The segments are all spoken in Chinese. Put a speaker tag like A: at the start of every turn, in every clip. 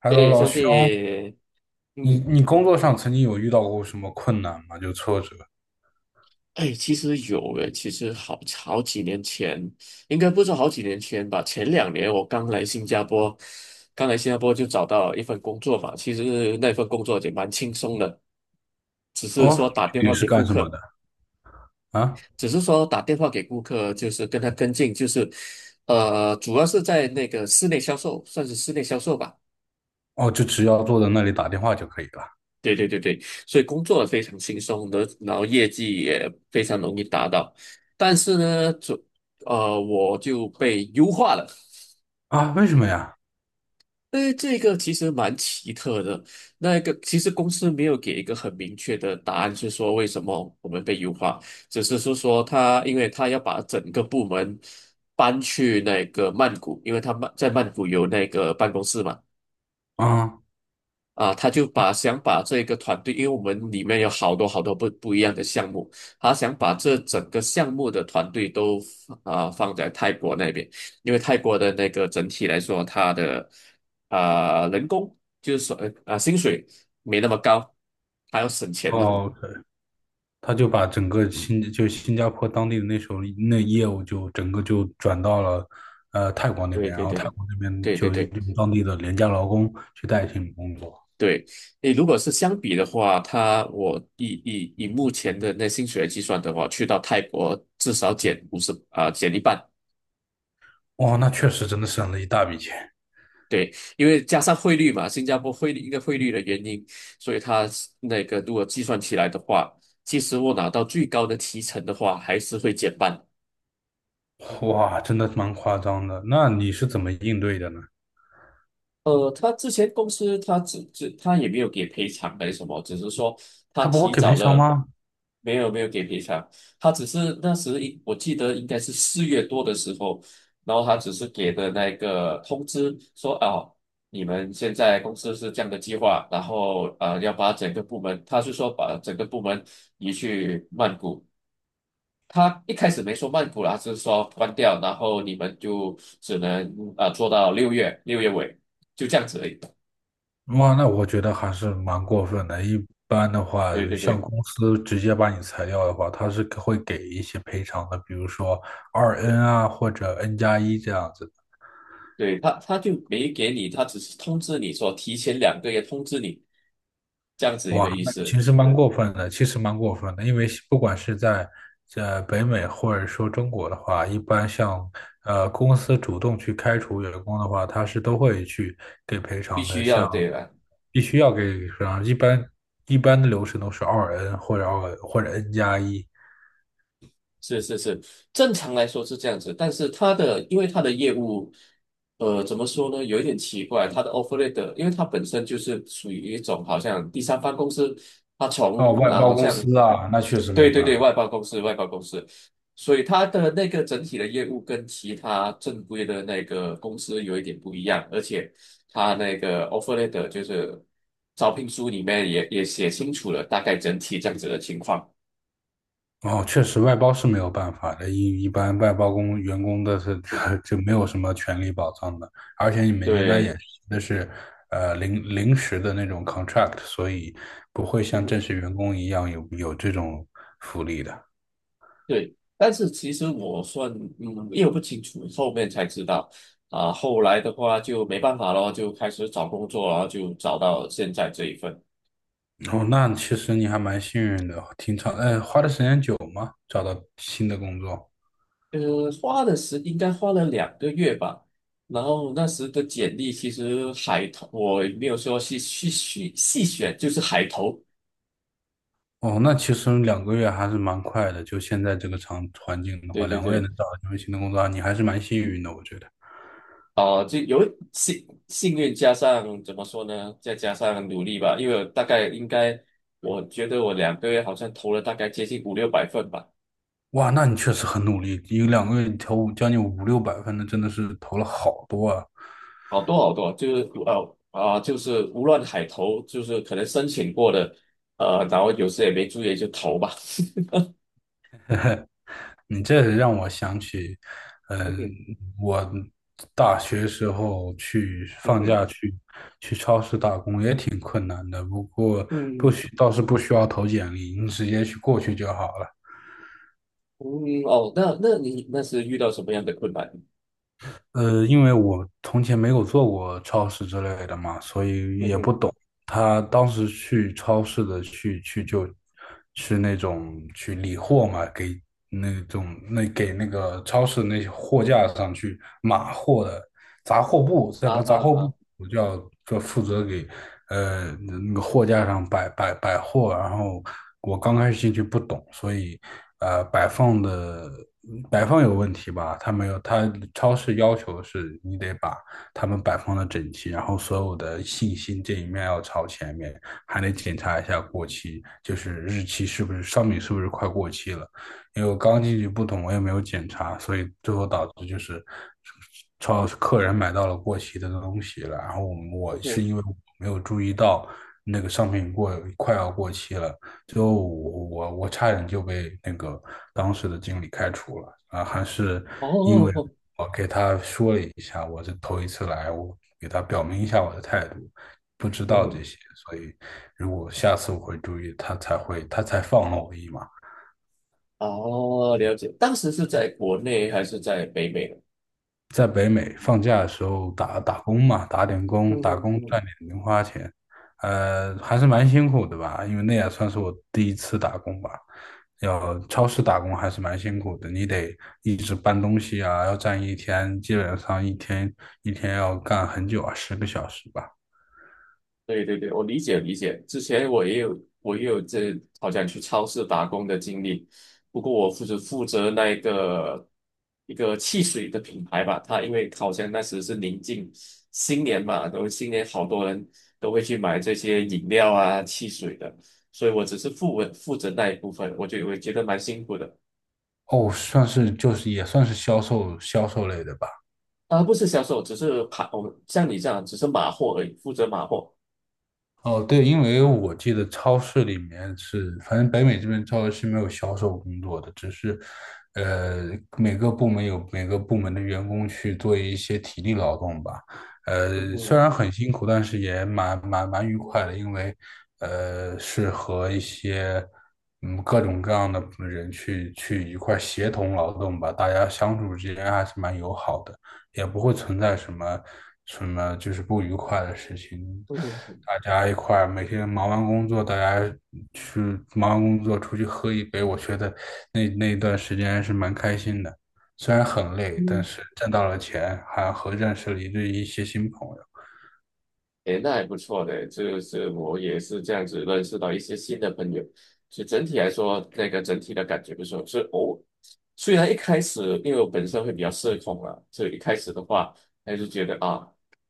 A: Hello，
B: 哎，
A: 老
B: 兄
A: 兄，
B: 弟。
A: 你
B: 嗯，
A: 你工作上曾经有遇到过什么困难吗？就挫折？
B: 哎，其实有诶。其实好几年前，应该不是好几年前吧。前2年我刚来新加坡，刚来新加坡就找到一份工作嘛。其实那份工作也蛮轻松的，只是说
A: 哦，
B: 打电
A: 你
B: 话
A: 是
B: 给顾
A: 干什么
B: 客，
A: 的啊？
B: 只是说打电话给顾客，就是跟他跟进，就是，主要是在那个室内销售，算是室内销售吧。
A: 哦，就只要坐在那里打电话就可以了
B: 对对对对。所以工作非常轻松的，然后业绩也非常容易达到。但是呢，我就被优化了。
A: 啊？为什么呀？
B: 哎，这个其实蛮奇特的。那个其实公司没有给一个很明确的答案，是说为什么我们被优化。只是是说他，因为他要把整个部门搬去那个曼谷，因为他在曼谷有那个办公室嘛。
A: 啊，
B: 啊，他就想把这个团队，因为我们里面有好多好多不一样的项目，他想把这整个项目的团队都啊放在泰国那边。因为泰国的那个整体来说，它的啊人工就是说薪水没那么高，还要省钱嘛。
A: 哦，他就把整个新就新加坡当地的那时候那业务就整个就转到了泰国那
B: 对
A: 边，然
B: 对
A: 后
B: 对
A: 泰
B: 对
A: 国那边
B: 对对
A: 就
B: 对
A: 用当地的廉价劳工去代替你工作。
B: 对。你如果是相比的话，我以目前的那薪水来计算的话，去到泰国至少减50啊减一半。
A: 哇，那确实真的省了一大笔钱。
B: 对。因为加上汇率嘛，新加坡汇率一个汇率的原因，所以它是那个如果计算起来的话，其实我拿到最高的提成的话，还是会减半。
A: 哇，真的蛮夸张的。那你是怎么应对的呢？
B: 他之前公司他只只他也没有给赔偿还是什么，只是说他
A: 他不会
B: 提
A: 给
B: 早
A: 赔偿
B: 了。
A: 吗？
B: 没有没有给赔偿。他只是那时我记得应该是4月多的时候，然后他只是给的那个通知说啊，你们现在公司是这样的计划，然后要把整个部门，他是说把整个部门移去曼谷。他一开始没说曼谷啦，是说关掉，然后你们就只能做到六月尾，就这样子而已。
A: 哇，那我觉得还是蛮过分的。一般的话，
B: 对对
A: 像
B: 对
A: 公司直接把你裁掉的话，他是会给一些赔偿的，比如说二 N 啊，或者 N 加一这样子的。
B: 对。他就没给你，他只是通知你说提前两个月通知你，这样子一
A: 哇，
B: 个意
A: 那
B: 思。
A: 其实蛮过分的，其实蛮过分的，因为不管是在北美或者说中国的话，一般像公司主动去开除员工的话，他是都会去给赔
B: 必
A: 偿的，
B: 须要
A: 像
B: 对吧？
A: 必须要给赔偿，一般的流程都是二 N 或者二或者 N 加一。
B: 是是是，正常来说是这样子。但是因为他的业务，怎么说呢，有一点奇怪。他的 offer letter，因为他本身就是属于一种好像第三方公司，他
A: 哦，
B: 从
A: 外
B: 啊
A: 包
B: 好
A: 公
B: 像，
A: 司啊，那确实没
B: 对
A: 有
B: 对
A: 办
B: 对。
A: 法。
B: 外包公司外包公司，所以他的那个整体的业务跟其他正规的那个公司有一点不一样，而且他那个 offer letter 就是招聘书里面也写清楚了大概整体这样子的情况。
A: 哦，确实外包是没有办法的，一般外包工员工的是
B: 嗯，
A: 就没有什么权利保障的，而且你们应该
B: 对。
A: 也那是临时的那种 contract，所以不会像正 式员工一样有这种福利的。
B: 对，但是其实我算，因为我不清楚，后面才知道。啊，后来的话就没办法咯，就开始找工作，然后就找到现在这一份。
A: 哦，那其实你还蛮幸运的，挺长，花的时间久吗？找到新的工作？
B: 花的时应该花了两个月吧。然后那时的简历其实海投，我也没有说细细选，就是海投。
A: 哦，那其实两个月还是蛮快的。就现在这个场环境的
B: 对
A: 话，
B: 对
A: 两个月
B: 对。
A: 能找到一份新的工作，啊你还是蛮幸运的，我觉得。
B: 啊，就有幸运加上怎么说呢，再加上努力吧。因为我大概应该，我觉得我两个月好像投了大概接近五六百份吧。
A: 哇，那你确实很努力，一个两个月你投五将近五六百分的，真的是投了好多啊！
B: 好多好多，就是就是无论海投，就是可能申请过的。然后有时也没注意就投吧。
A: 你这让我想起，
B: 嗯
A: 嗯，
B: 哼。
A: 我大学时候去
B: 嗯
A: 放
B: 哼。
A: 假去打工也挺困难的，不过不
B: 嗯。
A: 需倒是不需要投简历，你直接去过去就好了。
B: 嗯。哦，那你是遇到什么样的困难？
A: 呃，因为我从前没有做过超市之类的嘛，所以
B: 嗯
A: 也不
B: 哼。
A: 懂。他当时去超市的就是那种去理货嘛，那种给那个超市那些货架上去码货的杂货部，
B: 啊哈哈。
A: 我就要就负责给那个货架上摆货，然后我刚开始进去不懂，所以呃摆放的摆放有问题吧？他没有，他超市要求是你得把他们摆放的整齐，然后所有的信息这一面要朝前面，还得检查一下过期，就是日期是不是商品是不是快过期了。因为我刚进去不懂，我也没有检查，所以最后导致就是超客人买到了过期的东西了，然后我
B: 嗯
A: 我是
B: 哼。
A: 因为我没有注意到那个商品过快要过期了，最后我我差点就被那个当时的经理开除了啊，还是
B: 哦
A: 因
B: 哦
A: 为
B: 哦。
A: 我给他说了一下，我是头一次来，我给他表明一下我的态度。不知
B: 嗯
A: 道这
B: 哼。
A: 些，所以如果下次我会注意，他才放了我一马。
B: 哦，了解。当时是在国内还是在北美呢？
A: 在北美放假的时候打工嘛，打点工，打
B: 嗯。
A: 工赚
B: 嗯。
A: 点零花钱。还是蛮辛苦的吧，因为那也算是我第一次打工吧。要超市打工还是蛮辛苦的，你得一直搬东西啊，要站一天，基本上一天要干很久啊，十个小时吧。
B: 对对对。我理解理解。之前我也有好像去超市打工的经历。不过我负责那一个汽水的品牌吧。它因为好像那时是临近新年嘛，都新年好多人都会去买这些饮料啊、汽水的，所以我只是负责那一部分，我觉得蛮辛苦的。
A: 哦，算是就是也算是销售类的吧。
B: 啊，不是销售，只是盘，我像你这样只是码货而已，负责码货。
A: 哦，对，因为我记得超市里面是，反正北美这边超市是没有销售工作的，只是，呃，每个部门有每个部门的员工去做一些体力劳动吧。
B: 嗯
A: 虽
B: 嗯
A: 然很辛苦，但是也蛮愉快的，因为，是和一些嗯各种各样的人一块儿协同劳动吧，大家相处之间还是蛮友好的。也不会存在什么就是不愉快的事情。
B: 嗯
A: 大家一块儿每天忙完工作，大家去忙完工作出去喝一杯，我觉得那一段时间还是蛮开心的。虽然很累，但
B: 嗯。
A: 是挣到了钱，还和认识了一些新朋友。
B: 诶，那还不错的。就是我也是这样子认识到一些新的朋友，所以整体来说，那个整体的感觉不错。是我虽然一开始因为我本身会比较社恐啊，所以一开始的话，还是觉得啊，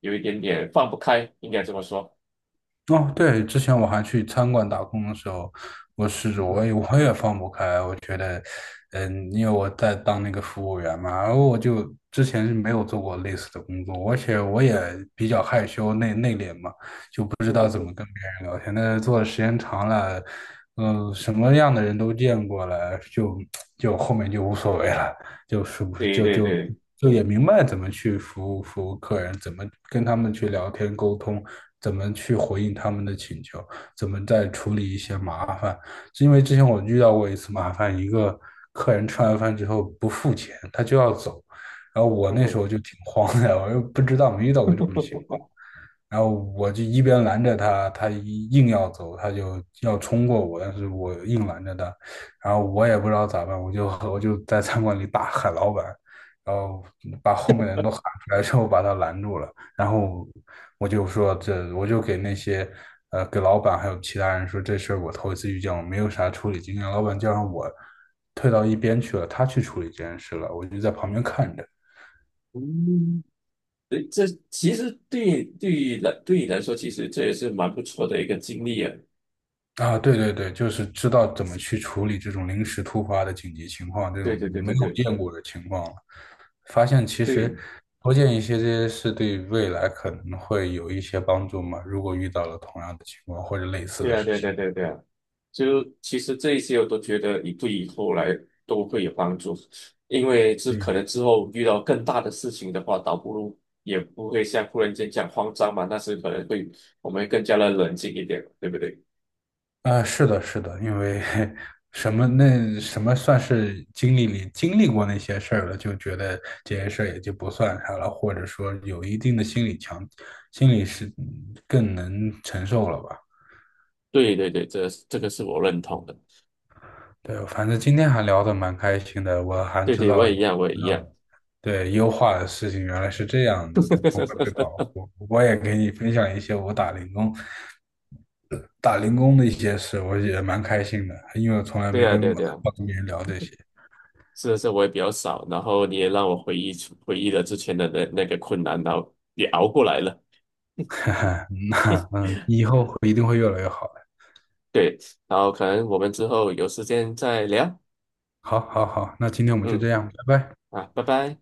B: 有一点点放不开，应该这么说。
A: 哦，对，之前我还去餐馆打工的时候，我试着
B: 嗯
A: 我
B: 哼。
A: 也我也放不开，我觉得，嗯，因为我在当那个服务员嘛，然后我就之前是没有做过类似的工作，而且我也比较害羞内敛嘛，不知
B: 嗯
A: 道
B: 哼。嗯
A: 怎么
B: 哼。
A: 跟别人聊天。但是做的时间长了，什么样的人都见过了，就后面就无所谓了，就是
B: 对
A: 就
B: 对
A: 就
B: 对。
A: 就也明白怎么去服务客人，怎么跟他们去聊天沟通，怎么去回应他们的请求，怎么再处理一些麻烦。是因为之前我遇到过一次麻烦，一个客人吃完饭之后不付钱，他就要走。然后我
B: 嗯
A: 那时
B: 哼。
A: 候就挺慌的，我又不知道没遇到过这种情 况，然后我就一边拦着他，他一硬要走，他就要冲过我，但是我硬拦着他，然后我也不知道咋办，我就在餐馆里大喊老板，然后把后面的人都喊出来之后把他拦住了，然后我就给那些给老板还有其他人说这事儿我头一次遇见，我没有啥处理经验，老板叫上我退到一边去了，他去处理这件事了，我就在旁边看着。
B: 嗯。诶，这其实对对于来对你来说，其实这也是蛮不错的一个经历啊。
A: 啊，对对对，就是知道怎么去处理这种临时突发的紧急情况，这种
B: 对对对
A: 没
B: 对
A: 有
B: 对。
A: 见过的情况了。发现其实
B: 对。
A: 多见一些这些事，对未来可能会有一些帮助嘛。如果遇到了同样的情况或者类似
B: 对
A: 的
B: 啊，
A: 事
B: 对啊，
A: 情，
B: 对啊，对啊。对啊，就其实这一些我都觉得你对以后来都会有帮助。因为这可
A: 嗯，
B: 能之后遇到更大的事情的话，倒不如也不会像忽然间这样慌张嘛，那是可能会我们更加的冷静一点，对不对？
A: 啊，是的，是的，因为 什么算是经历过那些事儿了，就觉得这些事儿也就不算啥了，或者说有一定的心理强，心理是嗯更能承受了吧。
B: 对对对。这个是我认同的。
A: 对，反正今天还聊得蛮开心的，我还
B: 对对，我也一
A: 知
B: 样，我也一
A: 道
B: 样。
A: 了对，优化的事情原来是这样子的，不会被保 护。我也给你分享一些我打零工、打零工的一些事，我也蛮开心的，因为我从来
B: 对
A: 没
B: 啊，对啊，对啊，
A: 跟别人聊这些。
B: 是的，我也比较少。然后你也让我回忆了之前的那个困难，然后也熬过来了。
A: 哈哈，那嗯，以后会一定会越来越好的。
B: 对，然后可能我们之后有时间再聊。
A: 好，好，好，那今天我们就
B: 嗯，
A: 这样，拜拜。
B: 啊，拜拜。